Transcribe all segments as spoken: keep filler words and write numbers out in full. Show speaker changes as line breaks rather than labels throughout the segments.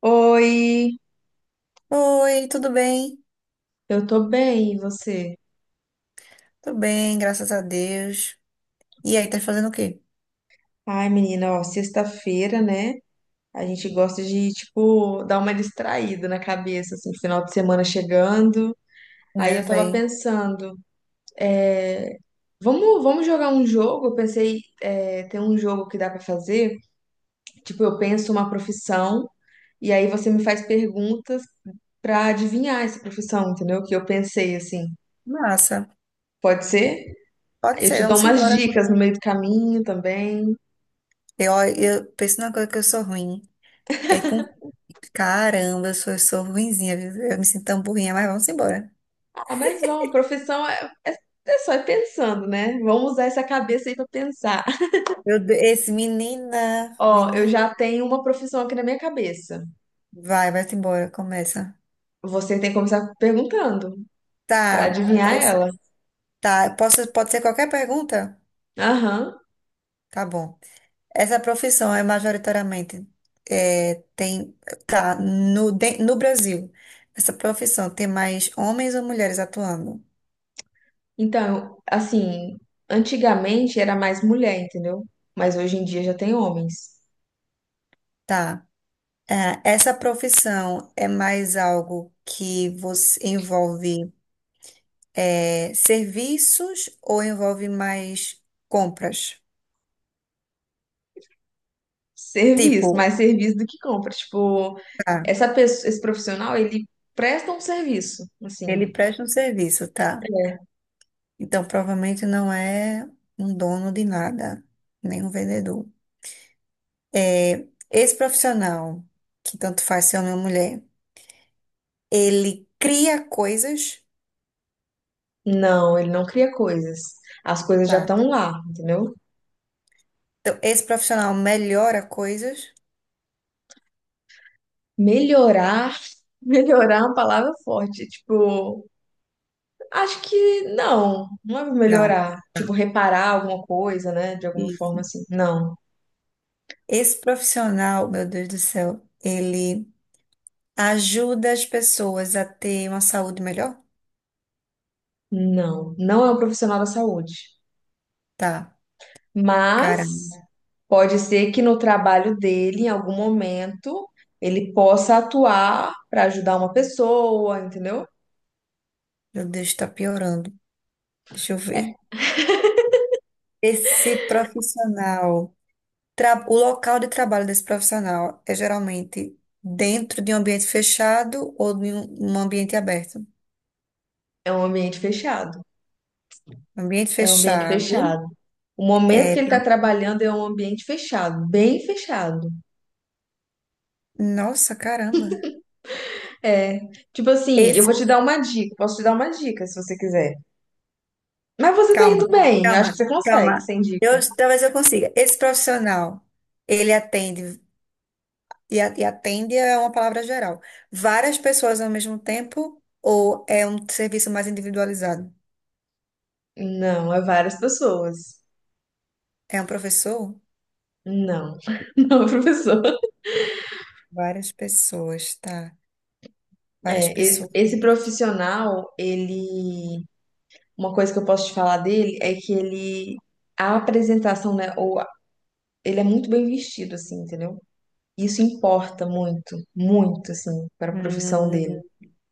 Oi,
Oi, tudo bem?
eu tô bem, e você?
Tudo bem, graças a Deus. E aí, tá fazendo o quê?
Ai, menina, ó, sexta-feira, né? A gente gosta de, tipo, dar uma distraída na cabeça, assim, final de semana chegando.
Não
Aí
é,
eu tava
véi?
pensando, é, vamos, vamos jogar um jogo? Eu pensei, é, tem um jogo que dá pra fazer. Tipo, eu penso uma profissão e aí você me faz perguntas pra adivinhar essa profissão, entendeu? Que eu pensei, assim,
Massa.
pode ser? Aí
Pode
Eu
ser,
te dou
vamos
umas
embora.
dicas no meio do caminho também.
Eu, eu penso numa coisa que eu sou ruim. É com... Caramba, eu sou, eu sou ruinzinha, viu? Eu me sinto tão burrinha, mas vamos embora.
Ah, mas vamos, profissão é, é, é só ir pensando, né? Vamos usar essa cabeça aí pra pensar.
Meu Deus, esse menina,
Ó, eu
menina.
já tenho uma profissão aqui na minha cabeça.
Vai, vai-te embora, começa.
Você tem que começar perguntando pra
Tá,
adivinhar
essa,
ela.
tá. Posso, pode ser qualquer pergunta?
Aham.
Tá bom. Essa profissão é majoritariamente é, tem tá no, de- no Brasil. Essa profissão tem mais homens ou mulheres atuando?
Então, assim, antigamente era mais mulher, entendeu? Mas hoje em dia já tem homens.
Tá. É, essa profissão é mais algo que você envolve é, serviços ou envolve mais compras? Tipo,
Serviço, mais serviço do que compra. Tipo,
tá,
essa pessoa, esse profissional, ele presta um serviço, assim.
ele presta um serviço, tá?
É.
Então provavelmente não é um dono de nada, nem um vendedor. É, esse profissional, que tanto faz ser homem ou mulher, ele cria coisas,
Não, ele não cria coisas. As coisas já
tá?
estão lá, entendeu?
Então, esse profissional melhora coisas?
Melhorar, melhorar é uma palavra forte. Tipo, acho que não, não é
Não.
melhorar. Tipo, reparar alguma coisa, né? De alguma
Isso.
forma assim. Não,
Esse profissional, meu Deus do céu, ele ajuda as pessoas a ter uma saúde melhor?
não. Não é um profissional da saúde.
Tá.
Mas
Caramba,
pode ser que no trabalho dele, em algum momento, ele possa atuar para ajudar uma pessoa, entendeu?
meu Deus, tá piorando. Deixa eu ver. Esse profissional, tra- o local de trabalho desse profissional é geralmente dentro de um ambiente fechado ou de um um ambiente aberto?
É um ambiente fechado.
Ambiente
É um ambiente
fechado.
fechado. O momento
É,
que ele está
tra-
trabalhando é um ambiente fechado, bem fechado.
nossa, caramba.
É, tipo assim, eu
Esse,
vou te dar uma dica, posso te dar uma dica se você quiser. Mas você tá
calma,
indo bem, acho que
calma,
você consegue,
calma.
sem
Eu,
dica.
talvez eu consiga. Esse profissional, ele atende, e, a- e atende é uma palavra geral. Várias pessoas ao mesmo tempo, ou é um serviço mais individualizado?
Não, é várias pessoas.
É um professor?
Não, não, é professor.
Várias pessoas, tá? Várias
É, e-
pessoas.
esse profissional, ele, uma coisa que eu posso te falar dele é que ele, a apresentação, né, ou a- ele é muito bem vestido, assim, entendeu? Isso importa muito, muito, assim, para a profissão
Hum,
dele.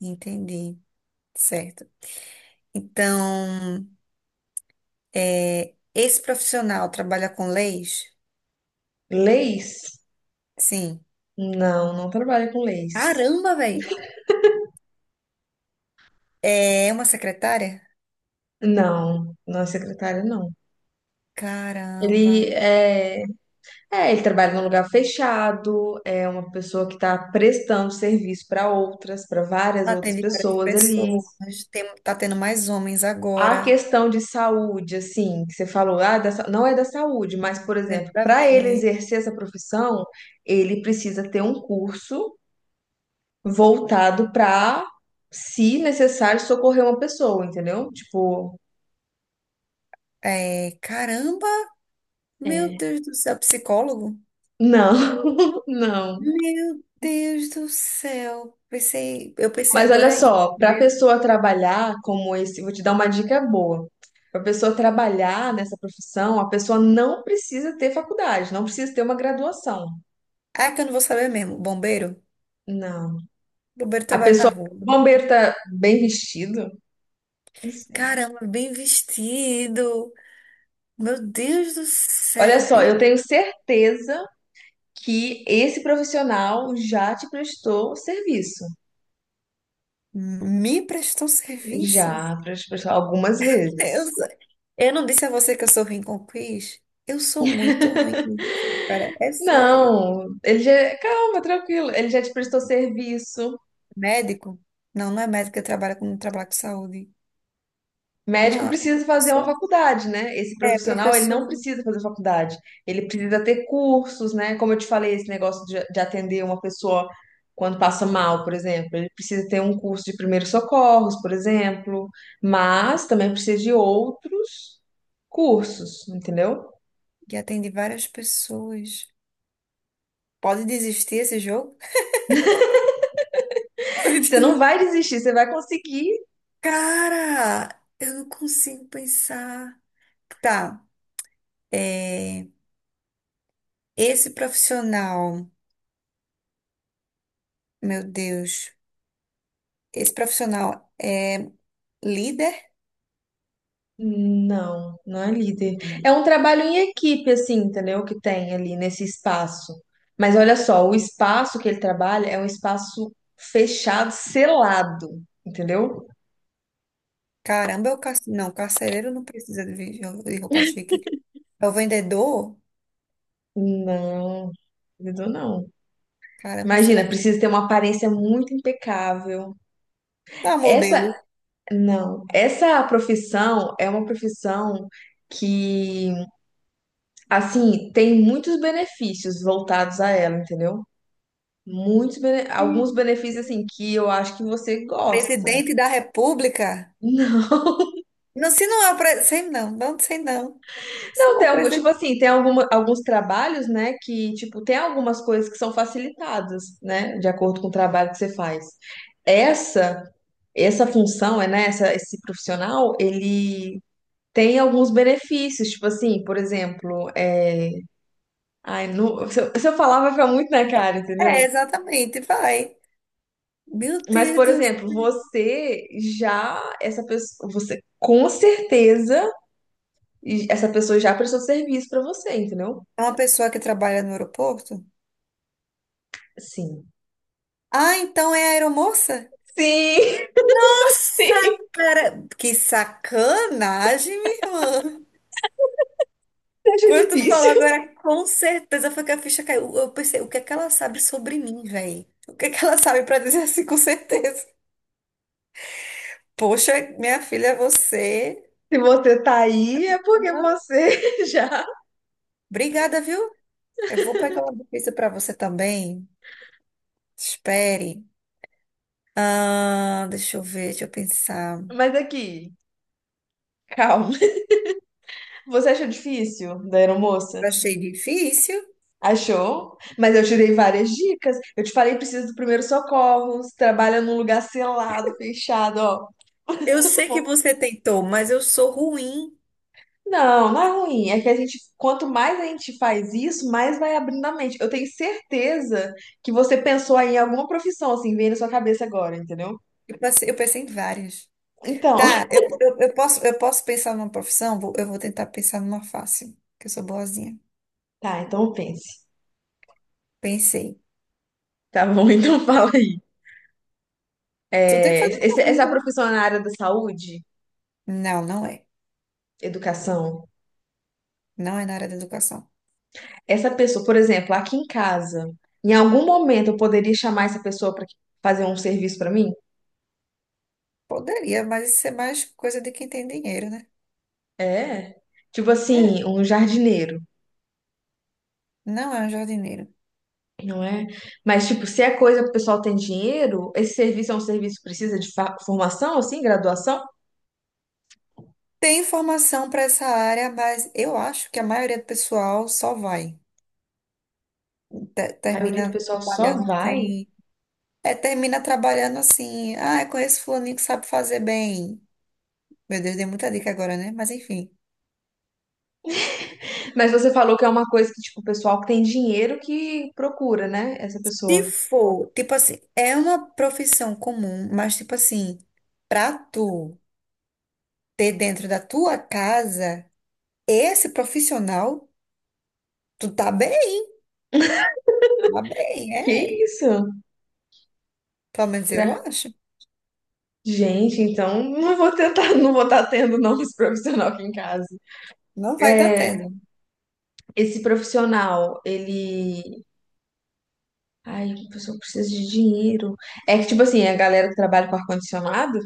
entendi. Certo. Então, é, esse profissional trabalha com leis?
Leis?
Sim.
Não, não trabalha com leis.
Caramba, velho. É uma secretária?
Não, não é secretário, não.
Caramba.
Ele é, é, ele trabalha num lugar fechado, é uma pessoa que está prestando serviço para outras, para várias outras
Atende várias
pessoas ali.
pessoas. Tem, tá tendo mais homens
A
agora.
questão de saúde, assim, que você falou, ah, da sa- não é da saúde, mas, por
Não tem
exemplo,
nada a
para ele
ver.
exercer essa profissão, ele precisa ter um curso voltado para, se necessário, socorrer uma pessoa, entendeu? Tipo,
É, caramba. Meu
é,
Deus do céu. Psicólogo?
não, não.
Meu Deus do céu. Pensei, eu pensei
Mas olha
agora em
só, para a
bombeiro.
pessoa trabalhar como esse, vou te dar uma dica boa. Para a pessoa trabalhar nessa profissão, a pessoa não precisa ter faculdade, não precisa ter uma graduação.
Ah, é que eu não vou saber mesmo. Bombeiro?
Não.
Bombeiro
A
trabalha na
pessoa,
rua.
o bombeiro tá bem vestido? Não sei.
Caramba, bem vestido. Meu Deus do
Olha
céu.
só, eu
Bem-
tenho certeza que esse profissional já te prestou serviço.
me prestou serviço.
Já te prestou algumas
Eu,
vezes.
sou- eu não disse a você que eu sou ruim com quiz? Eu sou muito ruim nisso, cara. É sério.
Não, ele já. Calma, tranquilo. Ele já te prestou serviço.
Médico? Não, não é médico que trabalha com, trabalho com saúde.
Médico
Não é
precisa fazer uma
professor.
faculdade, né? Esse
É
profissional, ele não
professor
precisa fazer faculdade. Ele precisa ter cursos, né? Como eu te falei, esse negócio de, de atender uma pessoa quando passa mal, por exemplo. Ele precisa ter um curso de primeiros socorros, por exemplo. Mas também precisa de outros cursos, entendeu?
que atende várias pessoas. Pode desistir esse jogo? Pode
Você não
desistir.
vai desistir, você vai conseguir.
Cara, eu não consigo pensar. Tá, é, esse profissional, meu Deus, esse profissional é líder?
Não, não é líder. É um trabalho em equipe, assim, entendeu? Que tem ali nesse espaço. Mas olha só, o espaço que ele trabalha é um espaço fechado, selado, entendeu?
Caramba, o carce... não, o carcereiro não precisa de vi- de roupa chique. É o vendedor?
Não, líder não.
Caramba, será
Imagina,
que.
precisa ter uma aparência muito impecável.
Ah,
Essa,
modelo.
não, essa profissão é uma profissão que, assim, tem muitos benefícios voltados a ela, entendeu? Muitos, bene- alguns benefícios, assim, que eu acho que você gosta.
Presidente da República?
Não.
Não, se não é o presidente. Sei não, não sei não. Se
Não,
não é
tem
o
algum, tipo
presidente.
assim, tem alguma, alguns trabalhos, né, que, tipo, tem algumas coisas que são facilitadas, né, de acordo com o trabalho que você faz. Essa, essa função, é, né, essa, esse profissional, ele tem alguns benefícios, tipo assim, por exemplo, é... Ai, não... se eu, se eu falar vai ficar muito na cara, entendeu?
É, exatamente, vai. Meu
Mas,
Deus
por
do
exemplo,
céu.
você já, essa pessoa, você com certeza. E essa pessoa já prestou serviço pra você, entendeu?
É uma pessoa que trabalha no aeroporto?
Sim.
Ah, então é a aeromoça?
Sim,
Nossa,
sim,
cara, que sacanagem, minha irmã.
acho
Quando tu falou
difícil.
agora, com certeza foi que a ficha caiu. Eu pensei, o que é que ela sabe sobre mim, velho? O que é que ela sabe pra dizer assim, com certeza? Poxa, minha filha, você.
Se você tá aí, é porque
Opa.
você já.
Obrigada, viu? Eu vou pegar uma difícil pra você também. Espere. Ah, deixa eu ver, deixa eu pensar.
Mas aqui, calma. Você achou difícil da aeromoça?
Eu achei difícil.
Achou? Mas eu tirei várias dicas. Eu te falei, precisa do primeiro socorro, trabalha num lugar selado, fechado, ó.
Eu sei que você tentou, mas eu sou ruim.
Não, não é ruim. É que a gente, quanto mais a gente faz isso, mais vai abrindo a mente. Eu tenho certeza que você pensou aí em alguma profissão, assim, veio na sua cabeça agora, entendeu?
Eu passei- eu pensei em várias.
Então,
Tá, eu, eu, eu posso, eu posso pensar numa profissão? Vou- Eu vou tentar pensar numa fácil, que eu sou boazinha.
tá, então pense.
Pensei.
Tá bom, então fala aí.
Tu tem que
É,
fazer uma
esse- essa
pergunta, né?
profissão na área da saúde,
Não, não é.
educação,
Não é na área da educação.
essa pessoa, por exemplo, aqui em casa, em algum momento eu poderia chamar essa pessoa para fazer um serviço para mim?
Poderia, mas isso é mais coisa de quem tem dinheiro, né?
É. Tipo
É.
assim, um jardineiro.
Não é um jardineiro.
não é? Mas, tipo, se é coisa que o pessoal tem dinheiro, esse serviço é um serviço que precisa de fa- formação, assim, graduação?
Tem informação para essa área, mas eu acho que a maioria do pessoal só vai. Te-
A maioria do
termina
pessoal só
trabalhando
vai.
sem. É, termina trabalhando assim. Ah, eu conheço fulaninho que sabe fazer bem. Meu Deus, dei muita dica agora, né? Mas enfim.
Mas você falou que é uma coisa que, tipo, o pessoal que tem dinheiro que procura, né? Essa
Se
pessoa.
for, tipo assim, é uma profissão comum, mas tipo assim, pra tu. Ter dentro da tua casa esse profissional, tu tá bem, tá bem,
Que
é.
isso?
Pelo menos eu
Será-
acho.
Gente, então não vou tentar, não vou estar tendo não esse profissional aqui em casa.
Não vai estar tá
É,
tendo.
esse profissional, ele. Ai, a pessoa precisa de dinheiro. É que, tipo assim, a galera que trabalha com ar-condicionado,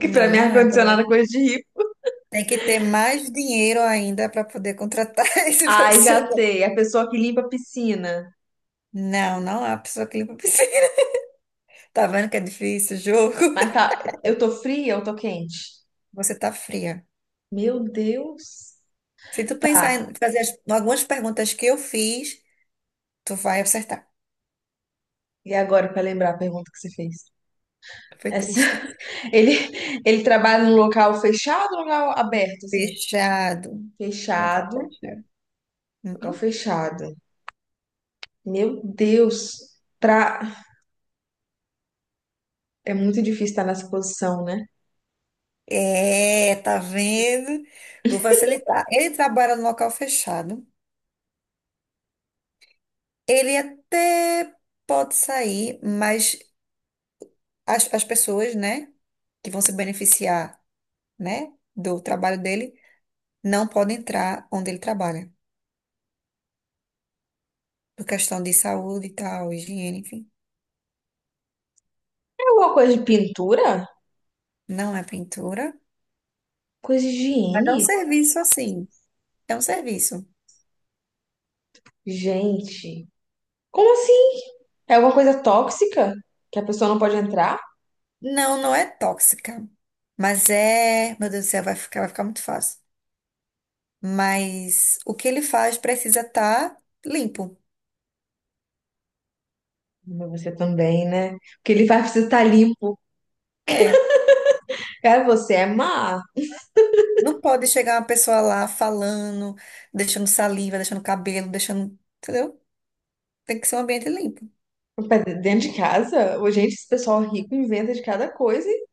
que pra
Não,
mim
não é, galera.
ar-condicionado é coisa de rico.
Tem que ter mais dinheiro ainda para poder contratar esse
Ai, já
profissional.
sei. A pessoa que limpa a piscina.
Não, não há pessoa que limpa a piscina. Tá vendo que é difícil o jogo?
Mas tá, eu tô fria ou tô quente?
Você tá fria.
Meu Deus.
Se tu pensar
Tá.
em fazer as- algumas perguntas que eu fiz, tu vai acertar.
E agora, pra lembrar a pergunta que você fez?
Foi
Essa...
triste.
Ele, ele trabalha num local fechado ou local aberto, assim?
Fechado. Vou acabar
Fechado,
fechado.
local
Uhum.
fechado. Meu Deus. Pra... É muito difícil estar nessa posição, né?
É, tá vendo? Vou facilitar. Ele trabalha no local fechado. Ele até pode sair, mas as, as pessoas, né, que vão se beneficiar, né, do trabalho dele, não podem entrar onde ele trabalha, por questão de saúde e tal, higiene, enfim.
É alguma coisa de pintura?
Não é pintura,
Coisa de
mas é um
higiene?
serviço assim. É um serviço.
Gente, como assim? É alguma coisa tóxica que a pessoa não pode entrar?
Não, não é tóxica, mas é. Meu Deus do céu, vai ficar, vai ficar muito fácil. Mas o que ele faz precisa estar limpo.
Mas Você também, né? Porque ele vai precisar estar limpo.
É.
Cara, você é má.
Não pode chegar uma pessoa lá falando, deixando saliva, deixando cabelo, deixando. Entendeu? Tem que ser um ambiente limpo.
Pra Dentro de casa, ô, gente, esse pessoal rico inventa de cada coisa. E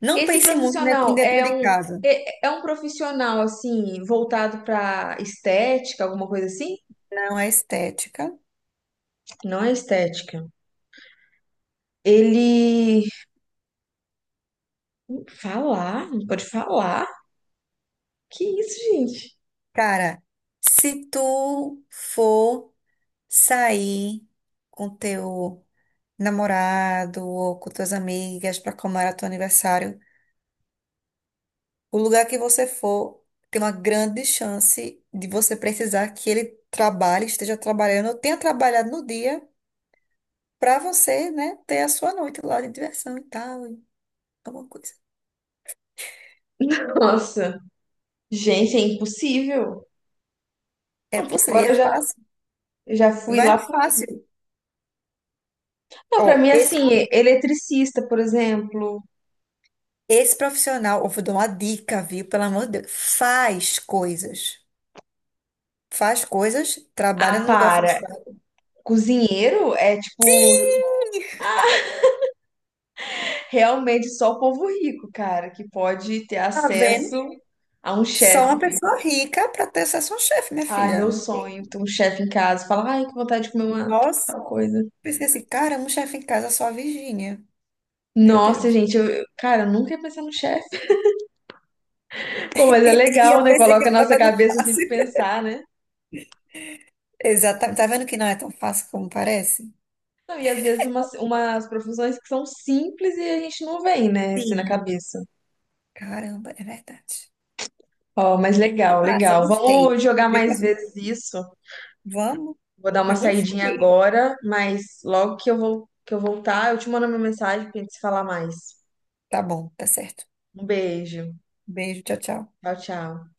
Não
Esse
pense muito ne- em
profissional
dentro
é
de
um,
casa.
é, é um profissional, assim, voltado pra estética, alguma coisa assim?
Não é estética.
Não é estética. Ele... Falar? Não pode falar? Que isso, gente?
Cara, se tu for sair com teu namorado ou com tuas amigas para comemorar teu aniversário, o lugar que você for tem uma grande chance de você precisar que ele trabalhe, esteja trabalhando, ou tenha trabalhado no dia para você, né, ter a sua noite lá de diversão e tal, e alguma coisa.
Nossa. Gente, é impossível.
É possível, e
Agora
é
eu já,
fácil.
já fui
Vai
lá.
no
pro-
fácil.
Não, pra
Ó,
mim,
esse,
assim, eletricista, por exemplo.
esse profissional, eu vou dar uma dica, viu? Pelo amor de Deus, faz coisas. Faz coisas, trabalha
Ah,
no lugar
para.
fechado.
Cozinheiro é, tipo, realmente só o povo rico, cara, que pode ter
Tá
acesso
vendo?
a um
Só uma
chefe.
pessoa rica para ter acesso a um chefe, minha
Ai,
filha.
meu sonho, ter um chefe em casa. Fala, ai, que vontade de comer uma
Nossa.
tal coisa.
Pensei assim, caramba, um chefe em casa só a Virgínia. Meu
Nossa,
Deus.
gente, eu, eu- cara, eu nunca ia pensar no chefe. Pô, mas é
E
legal,
eu
né?
pensei que
Coloca a
eu
nossa
tava no
cabeça assim pra
fácil.
pensar, né?
Exatamente. Tá vendo que não é tão fácil como parece?
Não, e às vezes umas, umas profissões que são simples e a gente não vem, né? Assim na
Sim,
cabeça.
caramba, é verdade.
Ó, mas legal,
Massa,
legal.
gostei.
Vamos jogar
Depois,
mais vezes isso.
vamos?
Vou dar uma
Eu
saidinha
gostei.
agora, mas logo que eu vou, que eu voltar, eu te mando uma mensagem pra gente se falar mais.
Tá bom, tá certo.
Um beijo.
Beijo, tchau, tchau.
Tchau, tchau.